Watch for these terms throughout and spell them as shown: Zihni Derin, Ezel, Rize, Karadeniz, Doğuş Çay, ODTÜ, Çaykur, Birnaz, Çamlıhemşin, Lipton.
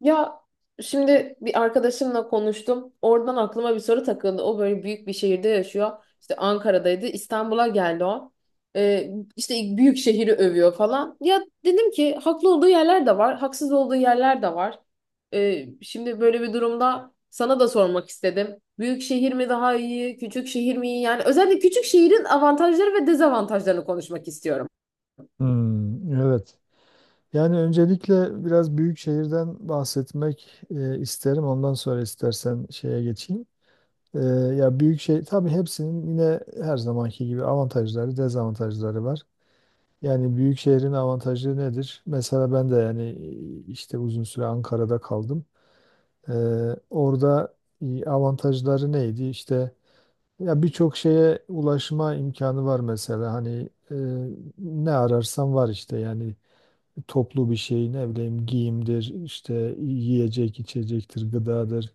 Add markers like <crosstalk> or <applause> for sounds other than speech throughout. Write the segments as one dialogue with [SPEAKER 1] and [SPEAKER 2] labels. [SPEAKER 1] Ya, şimdi bir arkadaşımla konuştum. Oradan aklıma bir soru takıldı. O böyle büyük bir şehirde yaşıyor. İşte Ankara'daydı. İstanbul'a geldi o. Ee, işte büyük şehri övüyor falan. Ya dedim ki haklı olduğu yerler de var. Haksız olduğu yerler de var. Şimdi böyle bir durumda sana da sormak istedim. Büyük şehir mi daha iyi? Küçük şehir mi iyi? Yani özellikle küçük şehrin avantajları ve dezavantajlarını konuşmak istiyorum.
[SPEAKER 2] Hmm, evet. Yani öncelikle biraz büyük şehirden bahsetmek isterim. Ondan sonra istersen şeye geçeyim. E, Ya büyük şehir tabii hepsinin yine her zamanki gibi avantajları, dezavantajları var. Yani büyük şehrin avantajı nedir? Mesela ben de yani işte uzun süre Ankara'da kaldım. E, Orada avantajları neydi? İşte ya birçok şeye ulaşma imkanı var mesela. Hani ne ararsan var işte yani toplu bir şeyin ne bileyim giyimdir, işte yiyecek, içecektir, gıdadır.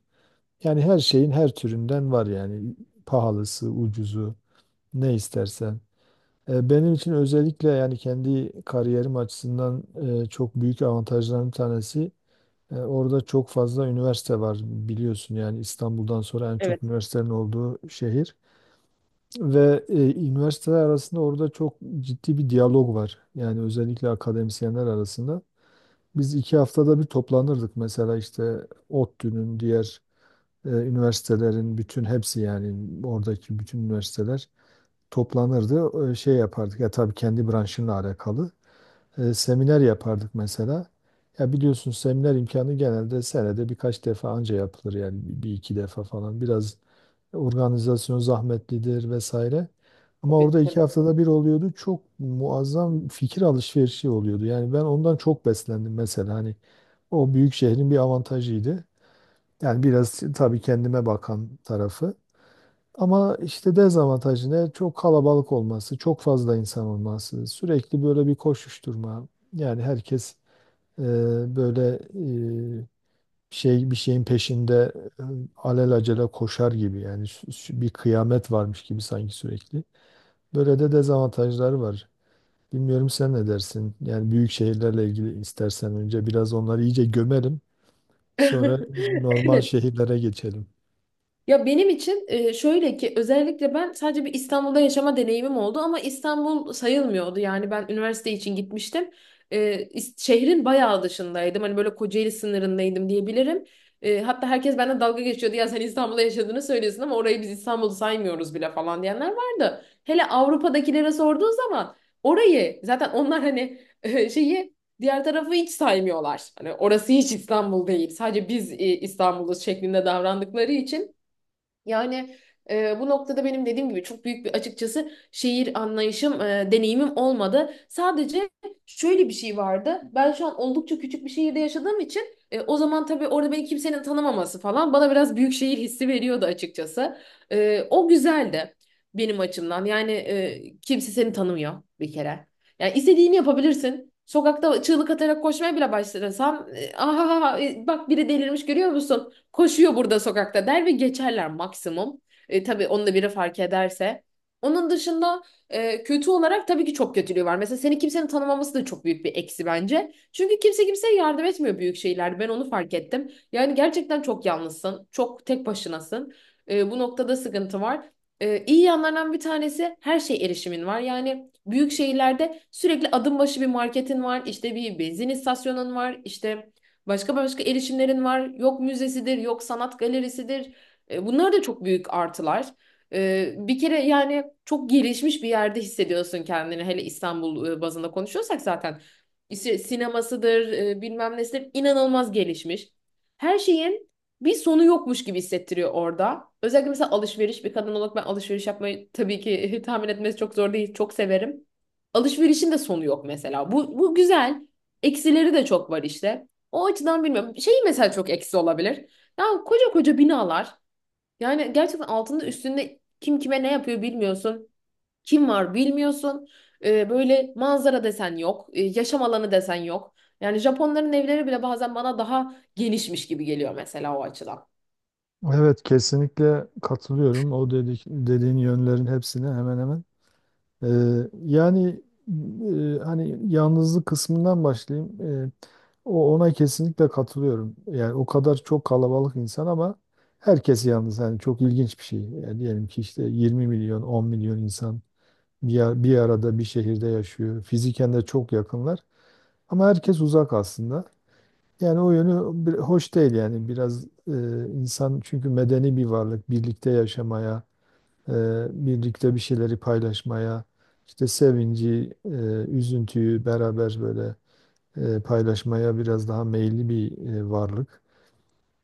[SPEAKER 2] Yani her şeyin her türünden var yani pahalısı, ucuzu ne istersen. Benim için özellikle yani kendi kariyerim açısından çok büyük avantajların bir tanesi, orada çok fazla üniversite var, biliyorsun yani İstanbul'dan sonra en çok
[SPEAKER 1] Evet.
[SPEAKER 2] üniversitenin olduğu şehir ve üniversiteler arasında orada çok ciddi bir diyalog var. Yani özellikle akademisyenler arasında. Biz iki haftada bir toplanırdık mesela, işte ODTÜ'nün diğer üniversitelerin bütün hepsi, yani oradaki bütün üniversiteler toplanırdı. Şey yapardık ya, tabii kendi branşınla alakalı seminer yapardık mesela. Ya biliyorsun seminer imkanı genelde senede birkaç defa anca yapılır, yani bir iki defa falan. Biraz organizasyon zahmetlidir vesaire. Ama
[SPEAKER 1] Tabii,
[SPEAKER 2] orada iki
[SPEAKER 1] tabii.
[SPEAKER 2] haftada bir oluyordu. Çok muazzam fikir alışverişi oluyordu. Yani ben ondan çok beslendim mesela. Hani o büyük şehrin bir avantajıydı. Yani biraz tabii kendime bakan tarafı. Ama işte dezavantajı ne? Çok kalabalık olması, çok fazla insan olması, sürekli böyle bir koşuşturma. Yani herkes e, böyle e, şey, bir şeyin peşinde, e, alelacele koşar gibi yani bir kıyamet varmış gibi sanki, sürekli. Böyle de dezavantajları var. Bilmiyorum sen ne dersin? Yani büyük şehirlerle ilgili istersen önce biraz onları iyice gömelim. Sonra
[SPEAKER 1] <laughs>
[SPEAKER 2] normal
[SPEAKER 1] Evet.
[SPEAKER 2] şehirlere geçelim.
[SPEAKER 1] Ya benim için şöyle ki, özellikle ben sadece bir İstanbul'da yaşama deneyimim oldu ama İstanbul sayılmıyordu. Yani ben üniversite için gitmiştim. E, Şehrin bayağı dışındaydım. Hani böyle Kocaeli sınırındaydım diyebilirim. E, hatta herkes benden dalga geçiyordu. Ya sen İstanbul'da yaşadığını söylüyorsun ama orayı biz İstanbul'u saymıyoruz bile falan diyenler vardı. Hele Avrupa'dakilere sorduğu zaman orayı zaten onlar hani e, şeyi diğer tarafı hiç saymıyorlar. Hani orası hiç İstanbul değil. Sadece biz İstanbul'uz şeklinde davrandıkları için, yani, bu noktada benim dediğim gibi çok büyük bir, açıkçası, şehir anlayışım, deneyimim olmadı. Sadece şöyle bir şey vardı. Ben şu an oldukça küçük bir şehirde yaşadığım için, o zaman tabii orada beni kimsenin tanımaması falan bana biraz büyük şehir hissi veriyordu açıkçası. E, o güzeldi benim açımdan. Yani, kimse seni tanımıyor bir kere. Yani istediğini yapabilirsin. Sokakta çığlık atarak koşmaya bile başlasan, <laughs> aha, bak, biri delirmiş, görüyor musun? Koşuyor burada sokakta der ve geçerler maksimum. E, tabii onu da biri fark ederse. Onun dışında, kötü olarak tabii ki çok kötülüğü var. Mesela seni kimsenin tanımaması da çok büyük bir eksi bence. Çünkü kimse kimseye yardım etmiyor büyük şeylerde. Ben onu fark ettim. Yani gerçekten çok yalnızsın. Çok tek başınasın. E, bu noktada sıkıntı var. E, iyi yanlarından bir tanesi, her şey, erişimin var. Yani büyük şehirlerde sürekli adım başı bir marketin var, işte bir benzin istasyonun var, işte başka başka erişimlerin var. Yok müzesidir, yok sanat galerisidir. E, bunlar da çok büyük artılar. E, bir kere yani çok gelişmiş bir yerde hissediyorsun kendini. Hele İstanbul bazında konuşuyorsak zaten. İşte sinemasıdır, bilmem nesidir, inanılmaz gelişmiş. Her şeyin bir sonu yokmuş gibi hissettiriyor orada. Özellikle mesela alışveriş, bir kadın olarak ben alışveriş yapmayı tabii ki <laughs> tahmin etmesi çok zor değil, çok severim. Alışverişin de sonu yok mesela. Bu güzel. Eksileri de çok var işte. O açıdan bilmiyorum. Şey mesela çok eksi olabilir. Ya, koca koca binalar. Yani gerçekten altında üstünde kim kime ne yapıyor bilmiyorsun. Kim var bilmiyorsun. Böyle manzara desen yok. Yaşam alanı desen yok. Yani Japonların evleri bile bazen bana daha genişmiş gibi geliyor mesela, o açıdan.
[SPEAKER 2] Evet, kesinlikle katılıyorum. O dediğin yönlerin hepsine, hemen hemen. Ee, Yani hani yalnızlık kısmından başlayayım. O, ona kesinlikle katılıyorum. Yani o kadar çok kalabalık insan ama herkes yalnız. Yani çok ilginç bir şey. Yani diyelim ki işte 20 milyon, 10 milyon insan bir arada bir şehirde yaşıyor. Fiziken de çok yakınlar ama herkes uzak aslında. Yani o yönü hoş değil, yani biraz, insan çünkü medeni bir varlık, birlikte yaşamaya, e, birlikte bir şeyleri paylaşmaya, işte sevinci, üzüntüyü beraber böyle paylaşmaya biraz daha meyilli bir varlık.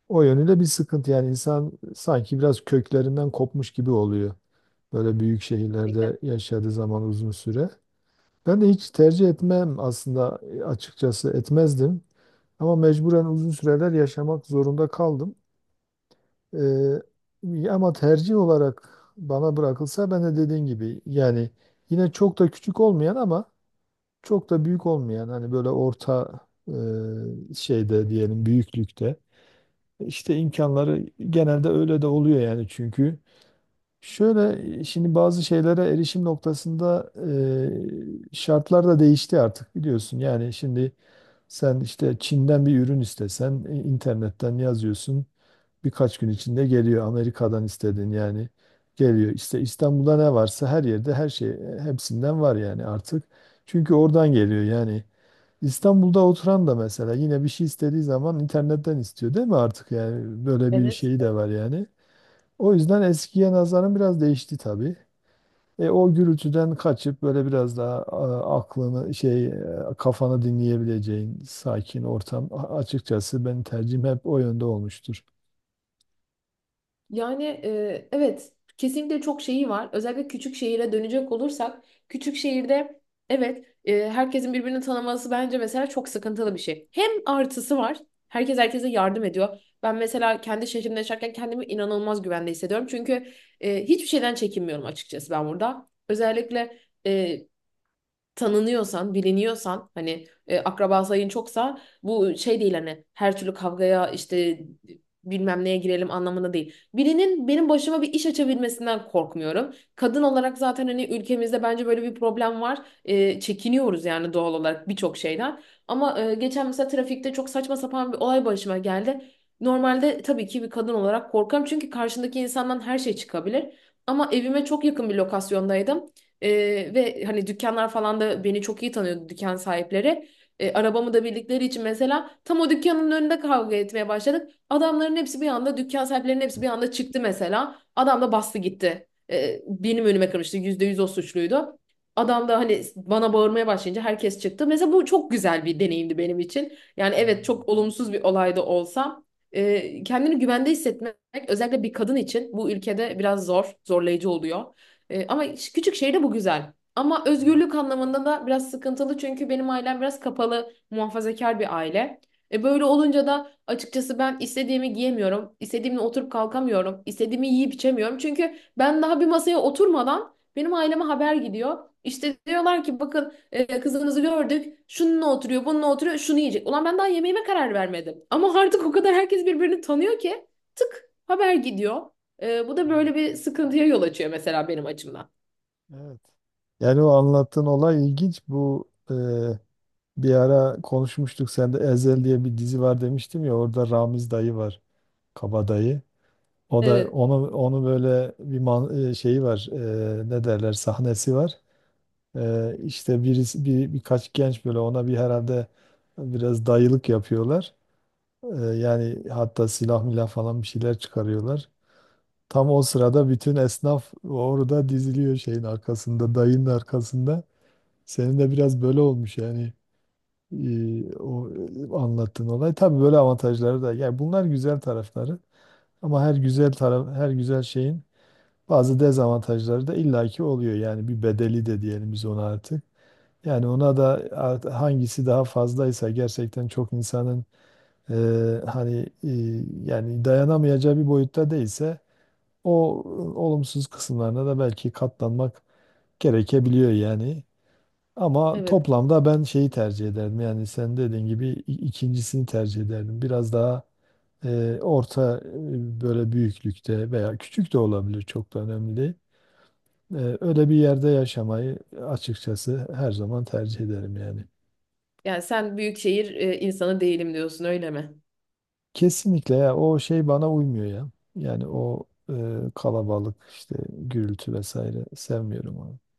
[SPEAKER 2] O yönüyle bir sıkıntı, yani insan sanki biraz köklerinden kopmuş gibi oluyor. Böyle büyük
[SPEAKER 1] Kesinlikle.
[SPEAKER 2] şehirlerde yaşadığı zaman uzun süre. Ben de hiç tercih etmem aslında, açıkçası etmezdim. Ama mecburen uzun süreler yaşamak zorunda kaldım. Ama tercih olarak bana bırakılsa, ben de dediğin gibi yani yine çok da küçük olmayan ama çok da büyük olmayan, hani böyle orta şeyde diyelim, büyüklükte. İşte imkanları genelde öyle de oluyor yani çünkü. Şöyle, şimdi bazı şeylere erişim noktasında şartlar da değişti artık, biliyorsun. Yani şimdi sen işte Çin'den bir ürün istesen internetten yazıyorsun. Birkaç gün içinde geliyor. Amerika'dan istedin, yani geliyor. İşte İstanbul'da ne varsa her yerde her şey, hepsinden var yani artık. Çünkü oradan geliyor yani. İstanbul'da oturan da mesela yine bir şey istediği zaman internetten istiyor değil mi artık, yani böyle bir
[SPEAKER 1] Evet.
[SPEAKER 2] şeyi de var yani. O yüzden eskiye nazaran biraz değişti tabii. O gürültüden kaçıp böyle biraz daha aklını şey, kafanı dinleyebileceğin sakin ortam, açıkçası benim tercihim hep o yönde olmuştur.
[SPEAKER 1] Yani, evet, kesinlikle çok şeyi var. Özellikle küçük şehire dönecek olursak, küçük şehirde, evet, herkesin birbirini tanıması bence mesela çok sıkıntılı bir şey. Hem artısı var. Herkes herkese yardım ediyor. Ben mesela kendi şehrimde yaşarken kendimi inanılmaz güvende hissediyorum. Çünkü hiçbir şeyden çekinmiyorum açıkçası ben burada. Özellikle e, tanınıyorsan, biliniyorsan, hani, akraba sayın çoksa, bu şey değil, hani her türlü kavgaya, işte bilmem neye girelim anlamında değil. Birinin benim başıma bir iş açabilmesinden korkmuyorum. Kadın olarak zaten hani ülkemizde bence böyle bir problem var. E, çekiniyoruz yani doğal olarak birçok şeyden. Ama geçen mesela trafikte çok saçma sapan bir olay başıma geldi. Normalde tabii ki bir kadın olarak korkarım çünkü karşındaki insandan her şey çıkabilir. Ama evime çok yakın bir lokasyondaydım. Ve hani dükkanlar falan da beni çok iyi tanıyordu, dükkan sahipleri. Arabamı da bildikleri için mesela tam o dükkanın önünde kavga etmeye başladık. Adamların hepsi bir anda, dükkan sahiplerinin hepsi bir anda çıktı mesela. Adam da bastı gitti. Benim önüme kırmıştı. Yüzde yüz o suçluydu. Adam da hani bana bağırmaya başlayınca herkes çıktı. Mesela bu çok güzel bir deneyimdi benim için. Yani evet,
[SPEAKER 2] Hmm.
[SPEAKER 1] çok olumsuz bir olay da olsa kendini güvende hissetmek özellikle bir kadın için bu ülkede biraz zor, zorlayıcı oluyor. E, ama küçük şehirde bu güzel. Ama özgürlük anlamında da biraz sıkıntılı, çünkü benim ailem biraz kapalı, muhafazakar bir aile. E, böyle olunca da açıkçası ben istediğimi giyemiyorum, istediğimle oturup kalkamıyorum, istediğimi yiyip içemiyorum. Çünkü ben daha bir masaya oturmadan benim aileme haber gidiyor. İşte diyorlar ki bakın, kızınızı gördük, şununla oturuyor, bununla oturuyor, şunu yiyecek. Ulan ben daha yemeğime karar vermedim. Ama artık o kadar herkes birbirini tanıyor ki tık, haber gidiyor. Bu da
[SPEAKER 2] Hmm.
[SPEAKER 1] böyle bir sıkıntıya yol açıyor mesela benim açımdan.
[SPEAKER 2] Evet. Yani o anlattığın olay ilginç. Bu, bir ara konuşmuştuk. Sen de Ezel diye bir dizi var demiştim ya, orada Ramiz dayı var. Kabadayı. O da
[SPEAKER 1] Evet,
[SPEAKER 2] onu böyle bir şeyi var. Ne derler, sahnesi var. İşte birisi, bir birkaç genç böyle ona bir herhalde biraz dayılık yapıyorlar. Yani hatta silah milah falan bir şeyler çıkarıyorlar. Tam o sırada bütün esnaf orada diziliyor şeyin arkasında, dayının arkasında. Senin de biraz böyle olmuş yani, anlattığın olay. Tabii böyle avantajları da. Yani bunlar güzel tarafları. Ama her güzel taraf, her güzel şeyin bazı dezavantajları da illaki oluyor. Yani bir bedeli de diyelim biz ona artık. Yani ona da hangisi daha fazlaysa, gerçekten çok insanın e, hani yani dayanamayacağı bir boyutta değilse o olumsuz kısımlarına da belki katlanmak gerekebiliyor yani. Ama
[SPEAKER 1] evet.
[SPEAKER 2] toplamda ben şeyi tercih ederdim. Yani sen dediğin gibi ikincisini tercih ederdim. Biraz daha orta böyle büyüklükte, veya küçük de olabilir, çok da önemli değil. Öyle bir yerde yaşamayı açıkçası her zaman tercih ederim yani.
[SPEAKER 1] Yani sen büyük şehir insanı değilim diyorsun, öyle mi?
[SPEAKER 2] Kesinlikle ya, o şey bana uymuyor ya. Yani o kalabalık, işte gürültü vesaire, sevmiyorum onu.